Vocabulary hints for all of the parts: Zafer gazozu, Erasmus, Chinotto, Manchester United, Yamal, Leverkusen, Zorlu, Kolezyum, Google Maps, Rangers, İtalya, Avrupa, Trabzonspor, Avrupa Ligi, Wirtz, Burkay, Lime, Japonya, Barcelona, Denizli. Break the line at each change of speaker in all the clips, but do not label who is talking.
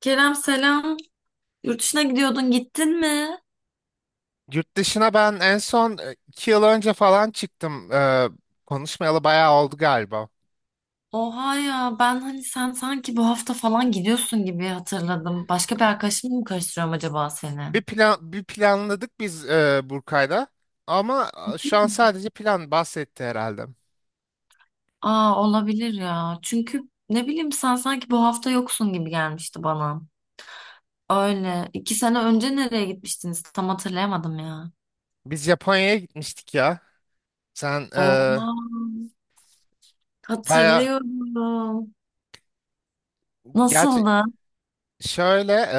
Kerem selam. Yurt dışına gidiyordun, gittin mi?
Yurt dışına ben en son iki yıl önce falan çıktım. Konuşmayalı bayağı oldu galiba.
Oha ya ben hani sen sanki bu hafta falan gidiyorsun gibi hatırladım. Başka bir arkadaşımla mı karıştırıyorum acaba seni?
Bir planladık biz Burkay'la. Ama şu an sadece plan bahsetti herhalde.
Aa olabilir ya. Çünkü ne bileyim sen sanki bu hafta yoksun gibi gelmişti bana. Öyle. İki sene önce nereye gitmiştiniz? Tam hatırlayamadım ya.
Biz Japonya'ya gitmiştik ya. Sen e,
Oha
bayağı
hatırlıyorum.
gerçi
Nasıldı?
şöyle e,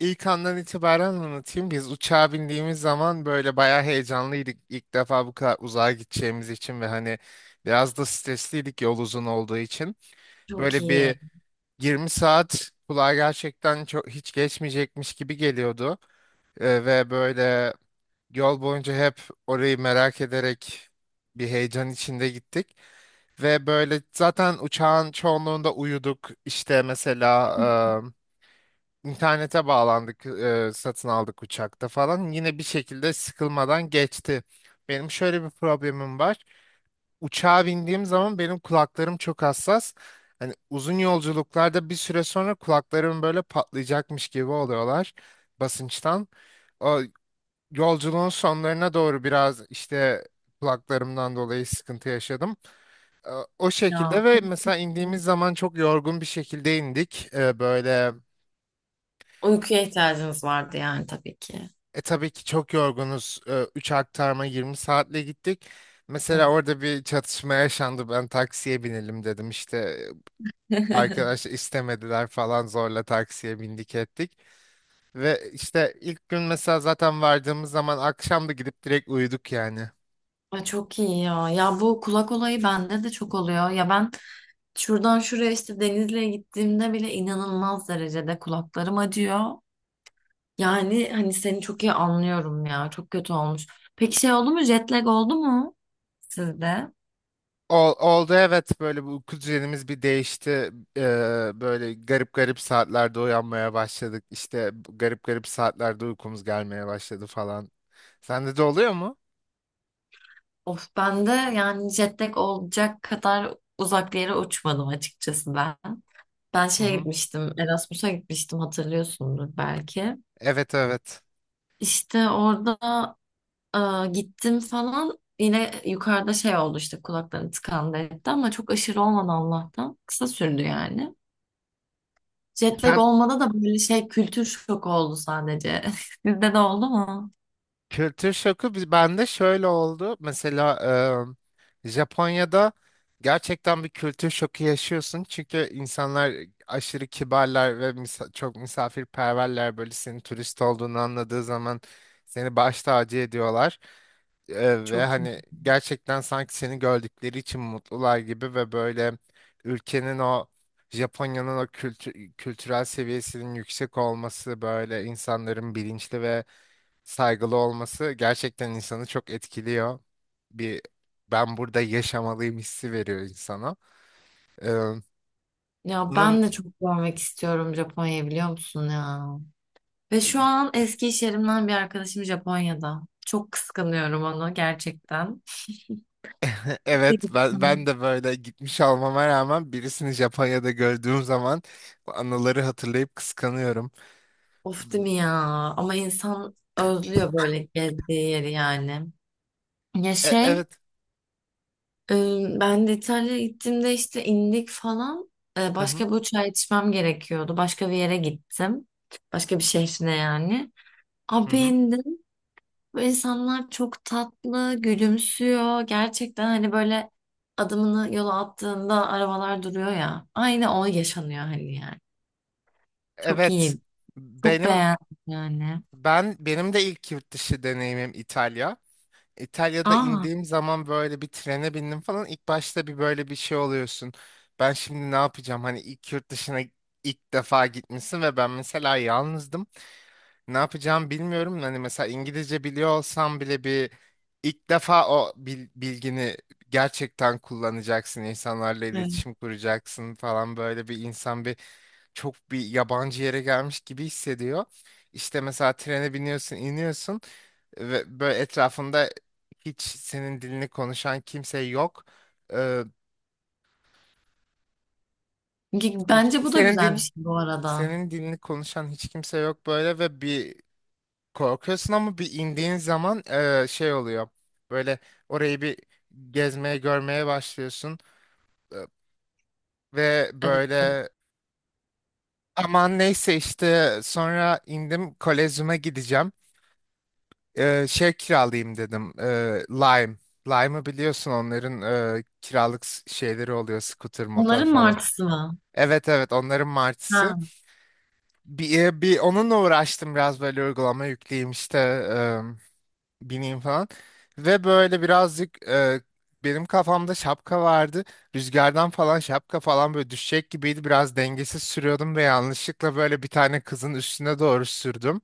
ilk andan itibaren anlatayım. Biz uçağa bindiğimiz zaman böyle bayağı heyecanlıydık. İlk defa bu kadar uzağa gideceğimiz için ve hani biraz da stresliydik yol uzun olduğu için.
Çok
Böyle bir
iyi.
20 saat kulağa gerçekten çok hiç geçmeyecekmiş gibi geliyordu. Ve böyle yol boyunca hep orayı merak ederek bir heyecan içinde gittik. Ve böyle zaten uçağın çoğunluğunda uyuduk. İşte mesela internete bağlandık, satın aldık uçakta falan. Yine bir şekilde sıkılmadan geçti. Benim şöyle bir problemim var, uçağa bindiğim zaman benim kulaklarım çok hassas. Hani uzun yolculuklarda bir süre sonra kulaklarım böyle patlayacakmış gibi oluyorlar, basınçtan. O yolculuğun sonlarına doğru biraz işte kulaklarımdan dolayı sıkıntı yaşadım. E, O
Ya
şekilde ve
çok
mesela
kötü.
indiğimiz zaman çok yorgun bir şekilde indik. E, Böyle
Uykuya ihtiyacınız vardı yani tabii ki.
e Tabii ki çok yorgunuz. Üç aktarma 20 saatle gittik. Mesela
Of.
orada bir çatışma yaşandı. Ben taksiye binelim dedim işte. Arkadaş istemediler falan, zorla taksiye bindik ettik. Ve işte ilk gün mesela zaten vardığımız zaman akşam da gidip direkt uyuduk yani.
Ay çok iyi ya. Ya bu kulak olayı bende de çok oluyor. Ya ben şuradan şuraya işte Denizli'ye gittiğimde bile inanılmaz derecede kulaklarım acıyor. Yani hani seni çok iyi anlıyorum ya. Çok kötü olmuş. Peki şey oldu mu? Jet lag oldu mu sizde?
Oldu evet, böyle bu uyku düzenimiz bir değişti. Böyle garip garip saatlerde uyanmaya başladık. İşte bu garip garip saatlerde uykumuz gelmeye başladı falan. Sende de oluyor mu?
Of bende yani jet lag olacak kadar uzak bir yere uçmadım açıkçası ben. Ben
Hı
şeye
hı.
gitmiştim. Erasmus'a gitmiştim hatırlıyorsundur belki.
Evet evet.
İşte orada Aa, gittim falan yine yukarıda şey oldu işte kulaklarım tıkandı etti ama çok aşırı olmadı Allah'tan. Kısa sürdü yani. Jet lag
Sen.
olmadı da böyle şey kültür şoku oldu sadece. Sizde de oldu mu?
Kültür şoku bende şöyle oldu. Mesela Japonya'da gerçekten bir kültür şoku yaşıyorsun. Çünkü insanlar aşırı kibarlar ve çok misafirperverler. Böyle senin turist olduğunu anladığı zaman seni baş tacı ediyorlar. Ve
Çok iyi.
hani gerçekten sanki seni gördükleri için mutlular gibi ve böyle ülkenin o Japonya'nın o kültürel seviyesinin yüksek olması, böyle insanların bilinçli ve saygılı olması gerçekten insanı çok etkiliyor. Bir ben burada yaşamalıyım hissi veriyor insana. Ee,
Ya
bunun
ben de çok görmek istiyorum Japonya'yı biliyor musun ya? Ve şu an eski iş yerimden bir arkadaşım Japonya'da. Çok kıskanıyorum onu gerçekten. Ne
evet,
güzel.
ben de böyle gitmiş olmama rağmen birisini Japonya'da gördüğüm zaman bu anıları hatırlayıp kıskanıyorum.
Of değil mi ya? Ama insan özlüyor böyle gezdiği yeri yani. Ya şey
Evet.
Ee, ben de İtalya'ya gittiğimde işte indik falan.
Hı hı,
Başka bir uçağa yetişmem gerekiyordu. Başka bir yere gittim. Başka bir şehrine yani.
hı
Abi
hı.
indim. Bu insanlar çok tatlı, gülümsüyor. Gerçekten hani böyle adımını yola attığında arabalar duruyor ya. Aynı o yaşanıyor hani yani. Çok
Evet.
iyi. Çok
Benim
beğendim yani.
benim de ilk yurt dışı deneyimim İtalya. İtalya'da
Aa,
indiğim zaman böyle bir trene bindim falan. İlk başta bir böyle bir şey oluyorsun. Ben şimdi ne yapacağım? Hani ilk yurt dışına ilk defa gitmişsin ve ben mesela yalnızdım. Ne yapacağımı bilmiyorum. Hani mesela İngilizce biliyor olsam bile bir ilk defa o bilgini gerçekten kullanacaksın. İnsanlarla
evet.
iletişim kuracaksın falan, böyle bir insan bir yabancı yere gelmiş gibi hissediyor. İşte mesela trene biniyorsun, iniyorsun ve böyle etrafında hiç senin dilini konuşan kimse yok. Ee,
Bence bu da
senin
güzel bir
din
şey bu arada.
Senin dilini konuşan hiç kimse yok böyle ve bir korkuyorsun ama bir indiğin zaman şey oluyor. Böyle orayı bir gezmeye görmeye başlıyorsun. Ee, ve
Evet.
böyle Aman neyse işte sonra indim, kolezyuma gideceğim. Şey kiralayayım dedim. Lime. Lime'ı biliyorsun, onların kiralık şeyleri oluyor. Scooter, motor
Onların
falan.
martısı mı?
Evet evet, onların martısı.
Ha,
Bir onunla uğraştım biraz, böyle uygulama yükleyeyim işte, bineyim falan. Ve böyle birazcık benim kafamda şapka vardı. Rüzgardan falan şapka falan böyle düşecek gibiydi. Biraz dengesiz sürüyordum ve yanlışlıkla böyle bir tane kızın üstüne doğru sürdüm.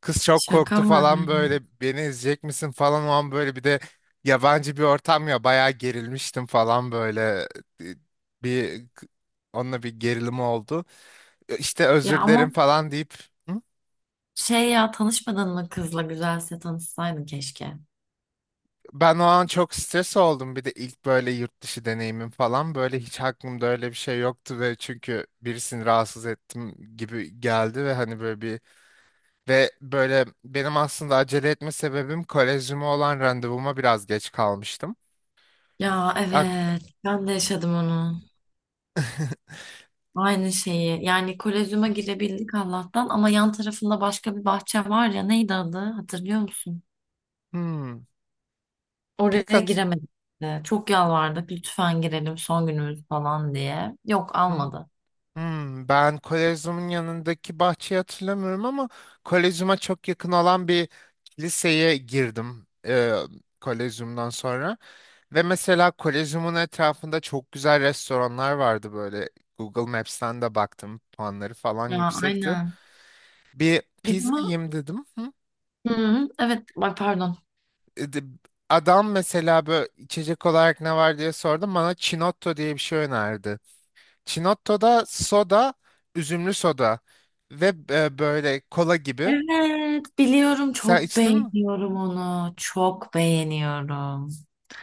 Kız çok
şaka
korktu
mı?
falan, böyle beni izleyecek misin falan o an, böyle bir de yabancı bir ortam ya, bayağı gerilmiştim falan böyle. E, bir Onunla bir gerilim oldu. İşte
Ya
özür
ama
dilerim falan deyip. Hı?
şey ya tanışmadın mı kızla güzelse tanışsaydın keşke.
Ben o an çok stres oldum, bir de ilk böyle yurt dışı deneyimim falan, böyle hiç aklımda öyle bir şey yoktu ve çünkü birisini rahatsız ettim gibi geldi ve hani böyle bir. Ve böyle benim aslında acele etme sebebim, kolezyuma olan randevuma biraz geç kalmıştım.
Ya evet ben de yaşadım onu. Aynı şeyi. Yani kolezyuma girebildik Allah'tan ama yan tarafında başka bir bahçe var ya neydi adı hatırlıyor musun?
Hmm. Pek.
Oraya giremedik de. Çok yalvardık lütfen girelim son günümüz falan diye. Yok
Hmm.
almadı.
Hmm. Ben Kolezyum'un yanındaki bahçeyi hatırlamıyorum ama Kolezyum'a çok yakın olan bir kiliseye girdim. Kolezyum'dan sonra. Ve mesela Kolezyum'un etrafında çok güzel restoranlar vardı böyle. Google Maps'ten de baktım. Puanları falan
Ya
yüksekti.
aynen.
Bir
Biz
pizza
ama
yiyeyim dedim. Hı?
hı hı, evet bak pardon.
E, de- Adam mesela böyle, içecek olarak ne var diye sordum. Bana Chinotto diye bir şey önerdi. Çinotto'da soda, üzümlü soda ve böyle kola gibi.
Evet biliyorum
Sen
çok
içtin mi?
beğeniyorum onu. Çok beğeniyorum.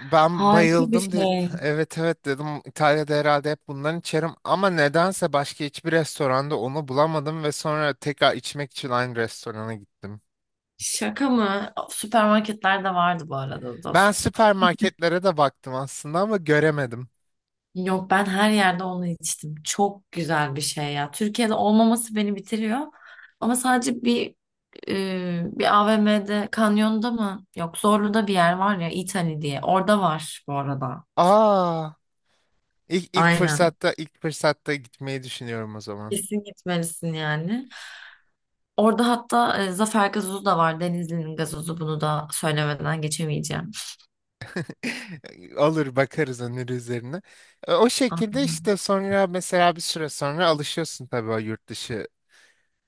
Ben
Harika bir
bayıldım. De,
şey.
evet evet dedim. İtalya'da herhalde hep bundan içerim. Ama nedense başka hiçbir restoranda onu bulamadım ve sonra tekrar içmek için aynı restorana gittim.
Şaka mı? Süpermarketlerde vardı bu arada
Ben
dostum.
süpermarketlere de baktım aslında ama göremedim.
Yok ben her yerde onu içtim. Çok güzel bir şey ya. Türkiye'de olmaması beni bitiriyor. Ama sadece bir AVM'de, kanyonda mı? Yok Zorlu'da bir yer var ya İtali diye. Orada var bu arada.
Aa, ilk, ilk
Aynen.
fırsatta ilk fırsatta gitmeyi düşünüyorum o zaman.
Kesin gitmelisin yani. Orada hatta Zafer gazozu da var. Denizli'nin gazozu bunu da söylemeden geçemeyeceğim.
Olur, bakarız onun üzerine. O şekilde işte sonra mesela bir süre sonra alışıyorsun tabii o yurt dışı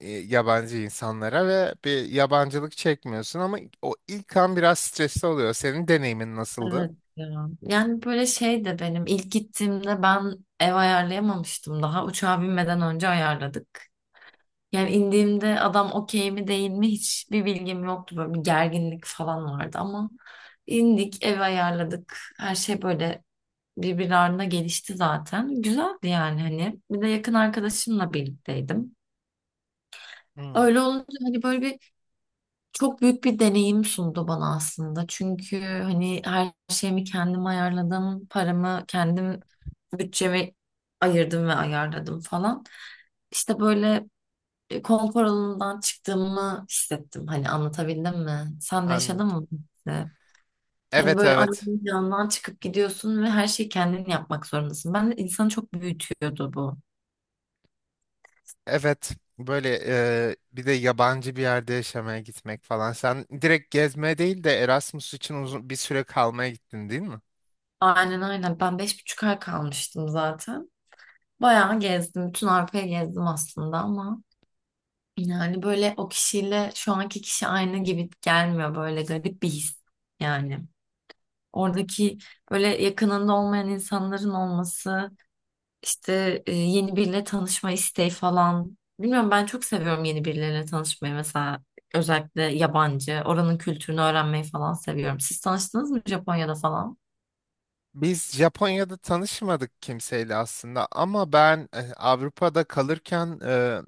yabancı insanlara ve bir yabancılık çekmiyorsun ama o ilk an biraz stresli oluyor. Senin deneyimin nasıldı?
Evet ya. Yani böyle şey de benim ilk gittiğimde ben ev ayarlayamamıştım daha. Uçağa binmeden önce ayarladık. Yani indiğimde adam okey mi değil mi hiçbir bilgim yoktu. Böyle bir gerginlik falan vardı ama indik ev ayarladık. Her şey böyle birbirlerine gelişti zaten. Güzeldi yani hani. Bir de yakın arkadaşımla birlikteydim.
Hmm,
Öyle olunca hani böyle bir çok büyük bir deneyim sundu bana aslında. Çünkü hani her şeyimi kendim ayarladım, paramı kendim bütçemi ayırdım ve ayarladım falan. İşte böyle konfor alanından çıktığımı hissettim. Hani anlatabildim mi? Sen de yaşadın
anladım.
mı? Bu hissi? Hani
Evet
böyle
evet.
annenin yanından çıkıp gidiyorsun ve her şeyi kendin yapmak zorundasın. Ben de insanı çok büyütüyordu bu.
Evet. Böyle bir de yabancı bir yerde yaşamaya gitmek falan. Sen direkt gezmeye değil de Erasmus için uzun bir süre kalmaya gittin değil mi?
Aynen aynen. Ben 5,5 ay kalmıştım zaten. Bayağı gezdim. Bütün Avrupa'yı gezdim aslında ama yani böyle o kişiyle şu anki kişi aynı gibi gelmiyor böyle garip bir his yani. Oradaki böyle yakınında olmayan insanların olması, işte yeni biriyle tanışma isteği falan. Bilmiyorum ben çok seviyorum yeni birileriyle tanışmayı mesela özellikle yabancı, oranın kültürünü öğrenmeyi falan seviyorum. Siz tanıştınız mı Japonya'da falan?
Biz Japonya'da tanışmadık kimseyle aslında ama ben Avrupa'da kalırken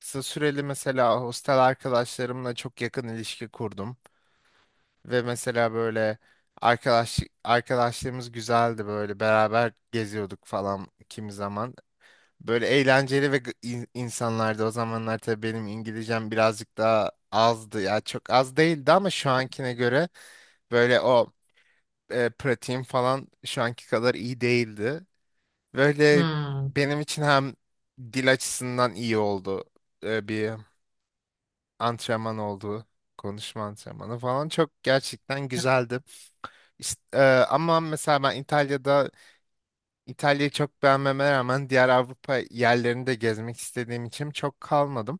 kısa süreli mesela hostel arkadaşlarımla çok yakın ilişki kurdum ve mesela böyle arkadaşlığımız güzeldi, böyle beraber geziyorduk falan kimi zaman. Böyle eğlenceli ve insanlardı. O zamanlar tabii benim İngilizcem birazcık daha azdı. Ya çok az değildi ama şu ankine göre böyle o pratiğim falan şu anki kadar iyi değildi. Böyle
Hmm.
benim için hem dil açısından iyi oldu. Bir antrenman oldu. Konuşma antrenmanı falan çok gerçekten güzeldi. İşte, ama mesela ben İtalya'yı çok beğenmeme rağmen diğer Avrupa yerlerini de gezmek istediğim için çok kalmadım.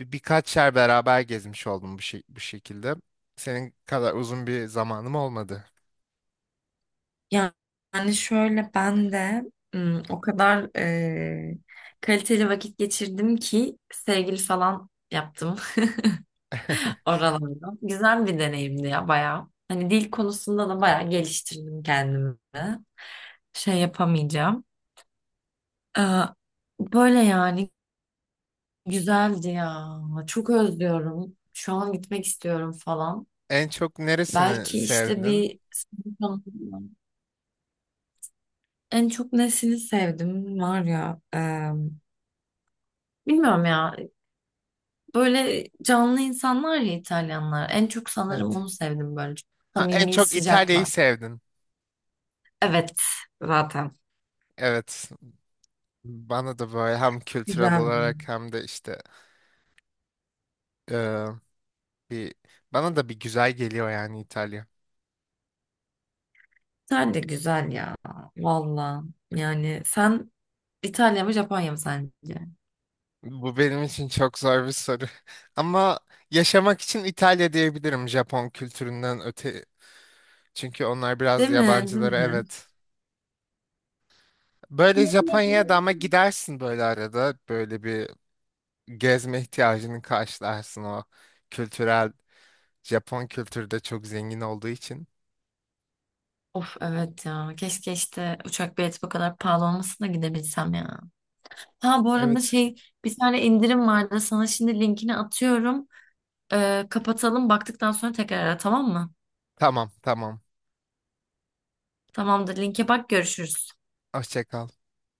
Birkaç yer beraber gezmiş oldum bu, şey, bu şekilde. Senin kadar uzun bir zamanım olmadı.
Ya- Yani şöyle ben de o kadar kaliteli vakit geçirdim ki sevgili falan yaptım oralarda. Güzel bir deneyimdi ya bayağı. Hani dil konusunda da bayağı geliştirdim kendimi. Şey yapamayacağım. Ee, Böyle yani güzeldi ya. Çok özlüyorum. Şu an gitmek istiyorum falan.
En çok neresini
Belki işte
sevdin?
bir en çok nesini sevdim var ya. Bilmiyorum ya. Böyle canlı insanlar ya İtalyanlar. En çok sanırım onu
Evet.
sevdim böyle. Çok
Ha, en
samimi,
çok
sıcaklar.
İtalya'yı sevdin.
Evet zaten.
Evet. Bana da böyle hem kültürel
Güzel.
olarak hem de işte eee, bir bana da bir güzel geliyor yani İtalya.
Sen de güzel ya. Valla. Yani sen İtalya mı Japonya mı sence?
Bu benim için çok zor bir soru. Ama yaşamak için İtalya diyebilirim, Japon kültüründen öte. Çünkü onlar
Değil
biraz
mi? Değil
yabancılara,
mi?
evet. Böyle Japonya'ya da ama gidersin böyle arada. Böyle bir gezme ihtiyacını karşılarsın, o kültürel. Japon kültürü de çok zengin olduğu için.
Of evet ya. Keşke işte uçak bileti bu kadar pahalı olmasına gidebilsem ya. Ha bu arada
Evet.
şey bir tane indirim vardı. Sana şimdi linkini atıyorum. Kapatalım. Baktıktan sonra tekrar ara tamam mı?
Tamam tamam.
Tamamdır. Linke bak görüşürüz.
Hoşça kal.